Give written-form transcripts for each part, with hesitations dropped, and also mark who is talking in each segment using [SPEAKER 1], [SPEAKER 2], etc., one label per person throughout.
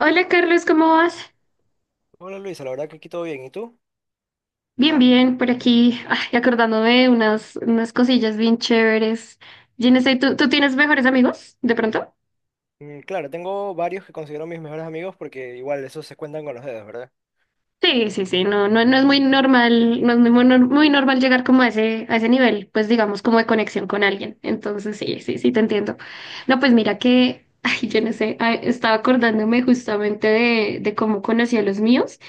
[SPEAKER 1] Hola Carlos, ¿cómo vas?
[SPEAKER 2] Hola Luisa, la verdad que aquí todo bien. ¿Y tú?
[SPEAKER 1] Bien, bien, por aquí, ay, acordándome de unas cosillas bien chéveres. Yo no sé, ¿tú tienes mejores amigos de pronto?
[SPEAKER 2] Claro, tengo varios que considero mis mejores amigos porque igual esos se cuentan con los dedos, ¿verdad?
[SPEAKER 1] Sí, sí, sí, no, no, no es muy normal, no es muy normal llegar como a ese nivel, pues digamos, como de conexión con alguien. Entonces, sí, sí, sí, te entiendo. No, pues mira que, ay, yo no sé, ay, estaba acordándome justamente de cómo conocí a los míos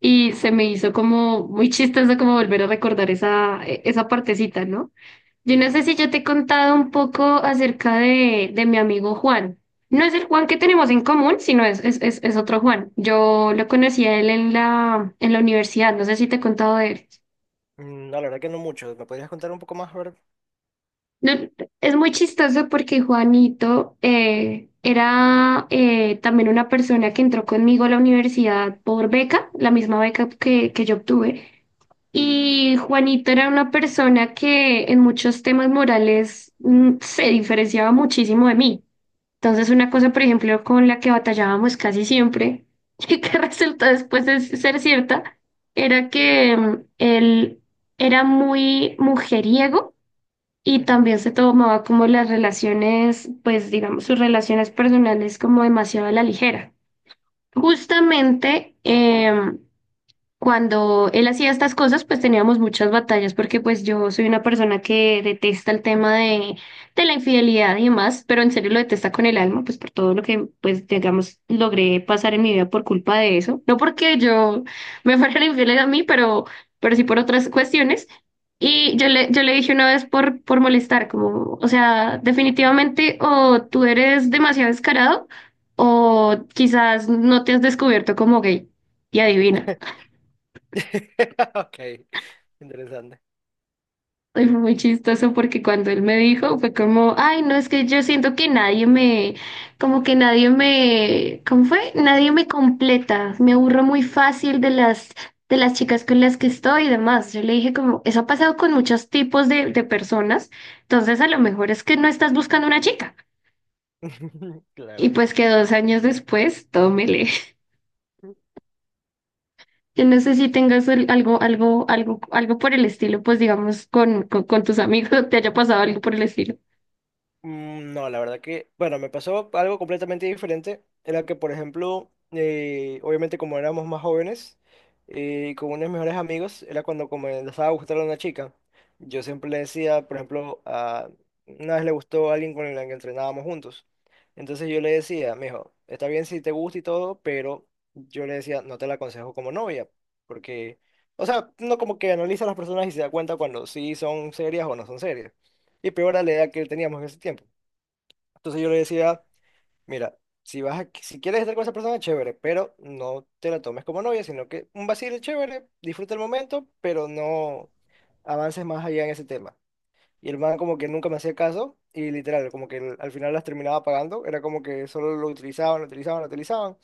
[SPEAKER 1] y se me hizo como muy chistoso como volver a recordar esa partecita, ¿no? Yo no sé si yo te he contado un poco acerca de mi amigo Juan. No es el Juan que tenemos en común, sino es otro Juan. Yo lo conocí a él en la universidad, no sé si te he contado de él.
[SPEAKER 2] No, la verdad que no muchos. ¿Me podrías contar un poco más, verdad?
[SPEAKER 1] No, es muy chistoso porque Juanito era también una persona que entró conmigo a la universidad por beca, la misma beca que yo obtuve. Y Juanito era una persona que en muchos temas morales se diferenciaba muchísimo de mí. Entonces, una cosa, por ejemplo, con la que batallábamos casi siempre y que resultó después de ser cierta, era que él era muy mujeriego y
[SPEAKER 2] Ujú.
[SPEAKER 1] también se tomaba como las relaciones, pues digamos, sus relaciones personales como demasiado a la ligera. Justamente, cuando él hacía estas cosas, pues teníamos muchas batallas porque pues yo soy una persona que detesta el tema de la infidelidad y demás, pero en serio lo detesta con el alma, pues por todo lo que pues digamos logré pasar en mi vida por culpa de eso. No porque yo me fuera infiel a mí, pero sí por otras cuestiones. Y yo le dije una vez por molestar, como, o sea, definitivamente o tú eres demasiado descarado o quizás no te has descubierto como gay. Y adivina.
[SPEAKER 2] Ok, interesante.
[SPEAKER 1] Y fue muy chistoso porque cuando él me dijo fue como, ay, no, es que yo siento que nadie me, como que nadie me, ¿cómo fue? Nadie me completa, me aburro muy fácil de las chicas con las que estoy y demás. Yo le dije como, eso ha pasado con muchos tipos de personas, entonces a lo mejor es que no estás buscando una chica. Y
[SPEAKER 2] Claro.
[SPEAKER 1] pues que 2 años después, tómele. Yo no sé si tengas algo por el estilo, pues digamos, con tus amigos, te haya pasado algo por el estilo.
[SPEAKER 2] No, la verdad que, bueno, me pasó algo completamente diferente. Era que, por ejemplo, obviamente como éramos más jóvenes y con unos mejores amigos, era cuando comenzaba a gustar a una chica. Yo siempre le decía, por ejemplo, a, una vez le gustó a alguien con la que entrenábamos juntos. Entonces yo le decía, mijo, está bien si te gusta y todo, pero yo le decía, no te la aconsejo como novia, porque, o sea, uno como que analiza a las personas y se da cuenta cuando sí son serias o no son serias. Y peor a la edad que teníamos en ese tiempo. Entonces yo le decía, mira, si quieres estar con esa persona, chévere, pero no te la tomes como novia, sino que un vacile chévere, disfruta el momento, pero no avances más allá en ese tema. Y el man como que nunca me hacía caso y literal, como que al final las terminaba pagando, era como que solo lo utilizaban, lo utilizaban, lo utilizaban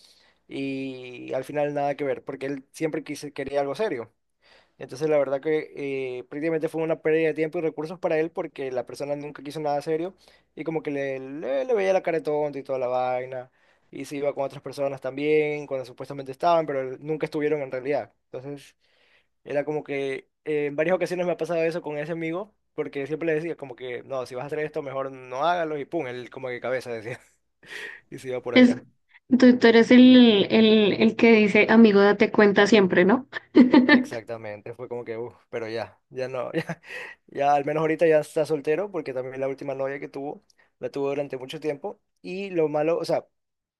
[SPEAKER 2] y al final nada que ver, porque él siempre quería algo serio. Entonces, la verdad que prácticamente fue una pérdida de tiempo y recursos para él porque la persona nunca quiso nada serio y como que le veía la cara de tonto y toda la vaina. Y se iba con otras personas también, cuando supuestamente estaban, pero nunca estuvieron en realidad. Entonces, era como que en varias ocasiones me ha pasado eso con ese amigo porque siempre le decía como que, no, si vas a hacer esto, mejor no hágalo y pum, él como que cabeza decía y se iba por
[SPEAKER 1] Es,
[SPEAKER 2] allá.
[SPEAKER 1] tú eres el que dice, amigo, date cuenta siempre, ¿no?
[SPEAKER 2] Exactamente, fue como que, uff, pero ya no, ya al menos ahorita ya está soltero porque también la última novia que tuvo, la tuvo durante mucho tiempo y lo malo, o sea,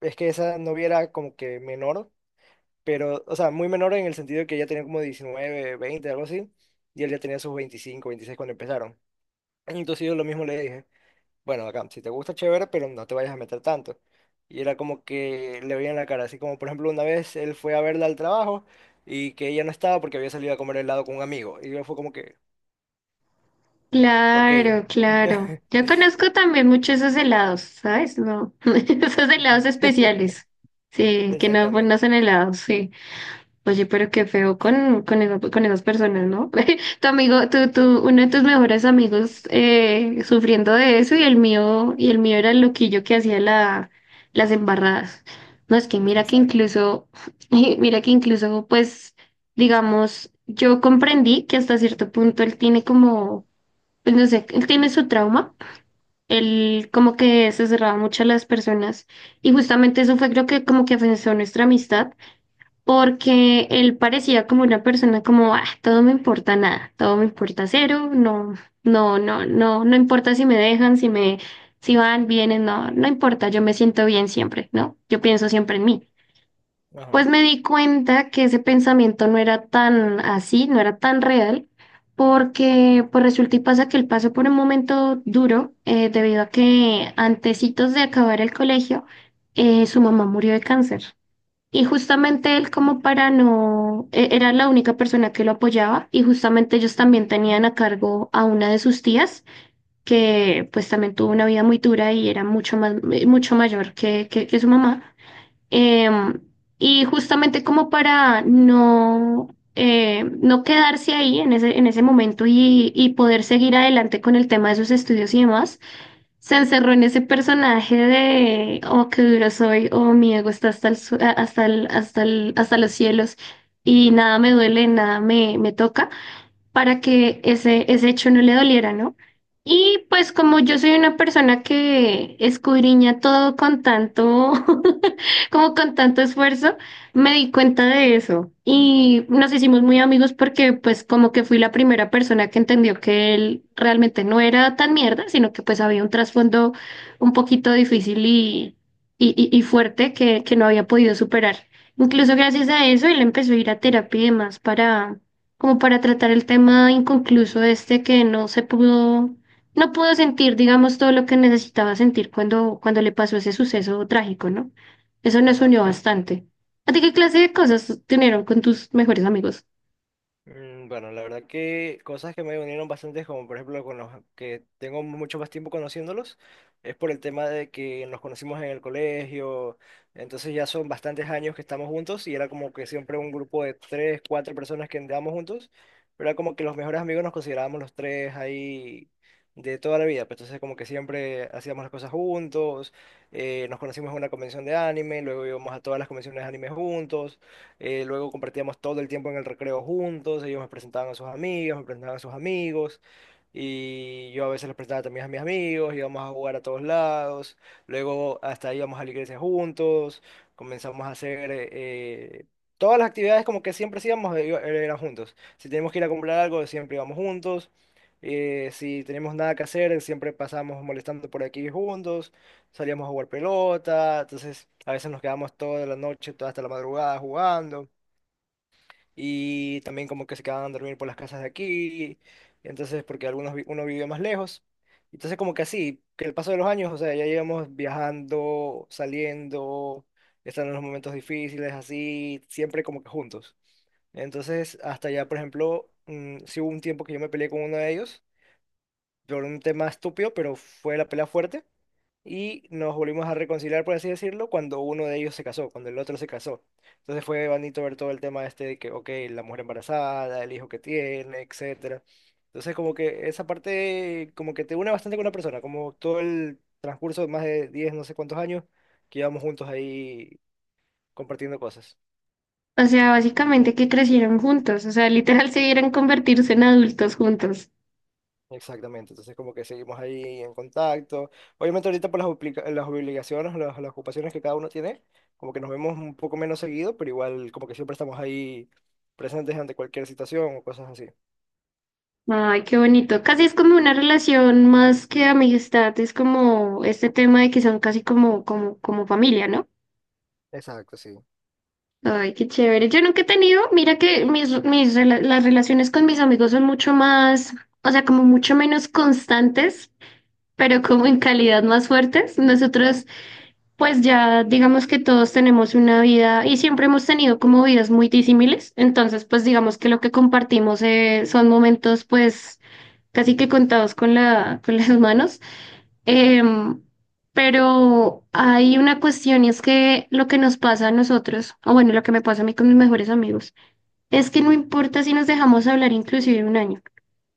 [SPEAKER 2] es que esa novia era como que menor, pero, o sea, muy menor en el sentido de que ella tenía como 19 20 algo así, y él ya tenía sus 25 26 cuando empezaron. Entonces yo lo mismo le dije, bueno, acá, si te gusta, chévere, pero no te vayas a meter tanto. Y era como que le veía en la cara, así como por ejemplo una vez él fue a verla al trabajo y que ella no estaba porque había salido a comer helado con un amigo. Y yo fue como que, ok.
[SPEAKER 1] Claro, claro. Yo conozco también mucho esos helados, ¿sabes? No, esos helados
[SPEAKER 2] Ujú.
[SPEAKER 1] especiales. Sí, que no, pues, no
[SPEAKER 2] Exactamente,
[SPEAKER 1] son helados, sí. Oye, pero qué feo con esas personas, ¿no? Tu amigo, uno de tus mejores amigos sufriendo de eso y el mío era el loquillo que hacía las embarradas. No, es que mira que
[SPEAKER 2] exacto.
[SPEAKER 1] incluso, mira que incluso, pues, digamos, yo comprendí que hasta cierto punto él tiene como, pues no sé, él tiene su trauma. Él como que se cerraba mucho a las personas y justamente eso fue creo que como que afectó nuestra amistad porque él parecía como una persona como, ah, todo me importa nada, todo me importa cero, no, no, no, no, no importa si me dejan, si van, vienen, no, no importa, yo me siento bien siempre, ¿no? Yo pienso siempre en mí. Pues
[SPEAKER 2] Ajá.
[SPEAKER 1] me di cuenta que ese pensamiento no era tan así, no era tan real, porque pues resulta y pasa que él pasó por un momento duro, debido a que antecitos de acabar el colegio, su mamá murió de cáncer. Y justamente él como para no, era la única persona que lo apoyaba y justamente ellos también tenían a cargo a una de sus tías que pues también tuvo una vida muy dura y era mucho más, mucho mayor que su mamá. Em, y justamente como para no, no quedarse ahí en ese momento y poder seguir adelante con el tema de sus estudios y demás se encerró en ese personaje de, oh, qué duro soy, oh, mi ego está hasta el, su- a- hasta el- hasta el- hasta los cielos y nada me duele, nada me toca para que ese hecho no le doliera, ¿no? Y pues como yo soy una persona que escudriña todo con tanto, como con tanto esfuerzo, me di cuenta de eso y nos hicimos muy amigos porque pues como que fui la primera persona que entendió que él realmente no era tan mierda, sino que pues había un trasfondo un poquito difícil y, y fuerte que no había podido superar. Incluso gracias a eso él empezó a ir a terapia y demás para como para tratar el tema inconcluso este que no se pudo, no pudo sentir, digamos, todo lo que necesitaba sentir cuando le pasó ese suceso trágico, ¿no? Eso nos
[SPEAKER 2] Ajá.
[SPEAKER 1] unió bastante. ¿A ti qué clase de cosas tuvieron con tus mejores amigos?
[SPEAKER 2] Bueno, la verdad que cosas que me unieron bastante, como por ejemplo con los que tengo mucho más tiempo conociéndolos, es por el tema de que nos conocimos en el colegio, entonces ya son bastantes años que estamos juntos y era como que siempre un grupo de tres, cuatro personas que andábamos juntos, pero era como que los mejores amigos nos considerábamos los tres ahí de toda la vida, pues entonces como que siempre hacíamos las cosas juntos, nos conocimos en una convención de anime, luego íbamos a todas las convenciones de anime juntos, luego compartíamos todo el tiempo en el recreo juntos, ellos me presentaban a sus amigas, me presentaban a sus amigos, y yo a veces les presentaba también a mis amigos, íbamos a jugar a todos lados, luego hasta íbamos a la iglesia juntos, comenzamos a hacer... todas las actividades como que siempre íbamos eran juntos. Si teníamos que ir a comprar algo, siempre íbamos juntos. Si tenemos nada que hacer, siempre pasamos molestando por aquí juntos, salíamos a jugar pelota, entonces a veces nos quedábamos toda la noche, toda hasta la madrugada jugando, y también como que se quedaban a dormir por las casas de aquí, y entonces porque uno vive más lejos, entonces como que así, que el paso de los años, o sea, ya íbamos viajando, saliendo, estando en los momentos difíciles, así, siempre como que juntos. Entonces, hasta ya, por ejemplo, sí hubo un tiempo que yo me peleé con uno de ellos por un tema estúpido, pero fue la pelea fuerte y nos volvimos a reconciliar, por así decirlo, cuando uno de ellos se casó, cuando el otro se casó. Entonces fue bonito ver todo el tema este de que, ok, la mujer embarazada, el hijo que tiene, etcétera. Entonces como que esa parte como que te une bastante con una persona, como todo el transcurso de más de 10 no sé cuántos años que llevamos juntos ahí compartiendo cosas.
[SPEAKER 1] O sea, básicamente que crecieron juntos, o sea, literal se dieron convertirse en adultos juntos.
[SPEAKER 2] Exactamente, entonces como que seguimos ahí en contacto. Obviamente ahorita por las, las obligaciones, las ocupaciones que cada uno tiene, como que nos vemos un poco menos seguido, pero igual como que siempre estamos ahí presentes ante cualquier situación o cosas así.
[SPEAKER 1] Ay, qué bonito. Casi es como una relación más que amistad, es como este tema de que son casi como familia, ¿no?
[SPEAKER 2] Exacto, sí.
[SPEAKER 1] Ay, qué chévere. Yo nunca he tenido, mira que las relaciones con mis amigos son mucho más, o sea, como mucho menos constantes, pero como en calidad más fuertes. Nosotros, pues ya digamos que todos tenemos una vida y siempre hemos tenido como vidas muy disímiles. Entonces, pues digamos que lo que compartimos son momentos, pues casi que contados con las manos. Em, pero hay una cuestión y es que lo que nos pasa a nosotros, o bueno, lo que me pasa a mí con mis mejores amigos, es que no importa si nos dejamos hablar inclusive un año.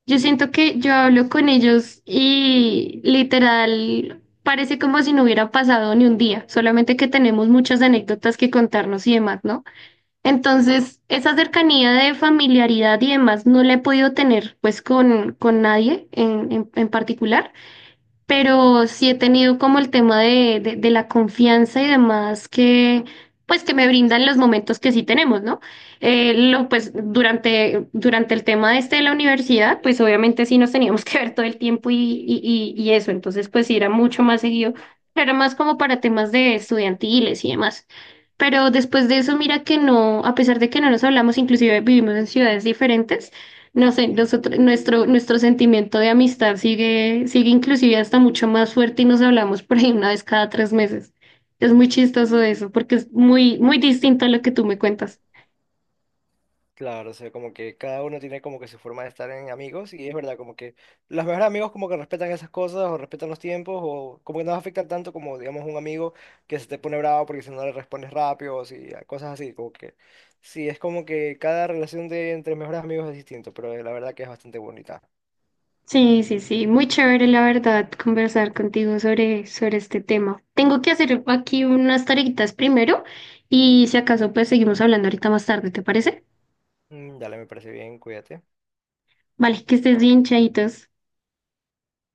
[SPEAKER 1] Yo siento que yo hablo con ellos y literal parece como si no hubiera pasado ni un día, solamente que tenemos muchas anécdotas que contarnos y demás, ¿no? Entonces, esa cercanía de familiaridad y demás no la he podido tener pues con nadie en particular, pero sí he tenido como el tema de la confianza y demás que, pues, que me brindan los momentos que sí tenemos, ¿no? Pues, durante el tema este de la universidad, pues, obviamente sí nos teníamos que ver todo el tiempo y eso, entonces, pues, sí era mucho más seguido, era más como para temas de estudiantiles y demás. Pero después de eso, mira que no, a pesar de que no nos hablamos, inclusive vivimos en ciudades diferentes, no sé,
[SPEAKER 2] Ujú.
[SPEAKER 1] nosotros, nuestro sentimiento de amistad sigue, sigue inclusive hasta mucho más fuerte y nos hablamos por ahí una vez cada 3 meses. Es muy chistoso eso, porque es muy, muy distinto a lo que tú me cuentas.
[SPEAKER 2] Claro, o sea, como que cada uno tiene como que su forma de estar en amigos y es verdad, como que los mejores amigos como que respetan esas cosas o respetan los tiempos o como que no afectan tanto como, digamos, un amigo que se te pone bravo porque si no le respondes rápido o si, cosas así, como que sí, es como que cada relación de entre mejores amigos es distinto, pero la verdad que es bastante bonita.
[SPEAKER 1] Sí, sí, sí, muy chévere la verdad conversar contigo sobre este tema. Tengo que hacer aquí unas tareitas primero y si acaso pues seguimos hablando ahorita más tarde, ¿te parece?
[SPEAKER 2] Dale, me parece bien, cuídate.
[SPEAKER 1] Vale, que estés bien, chaitos.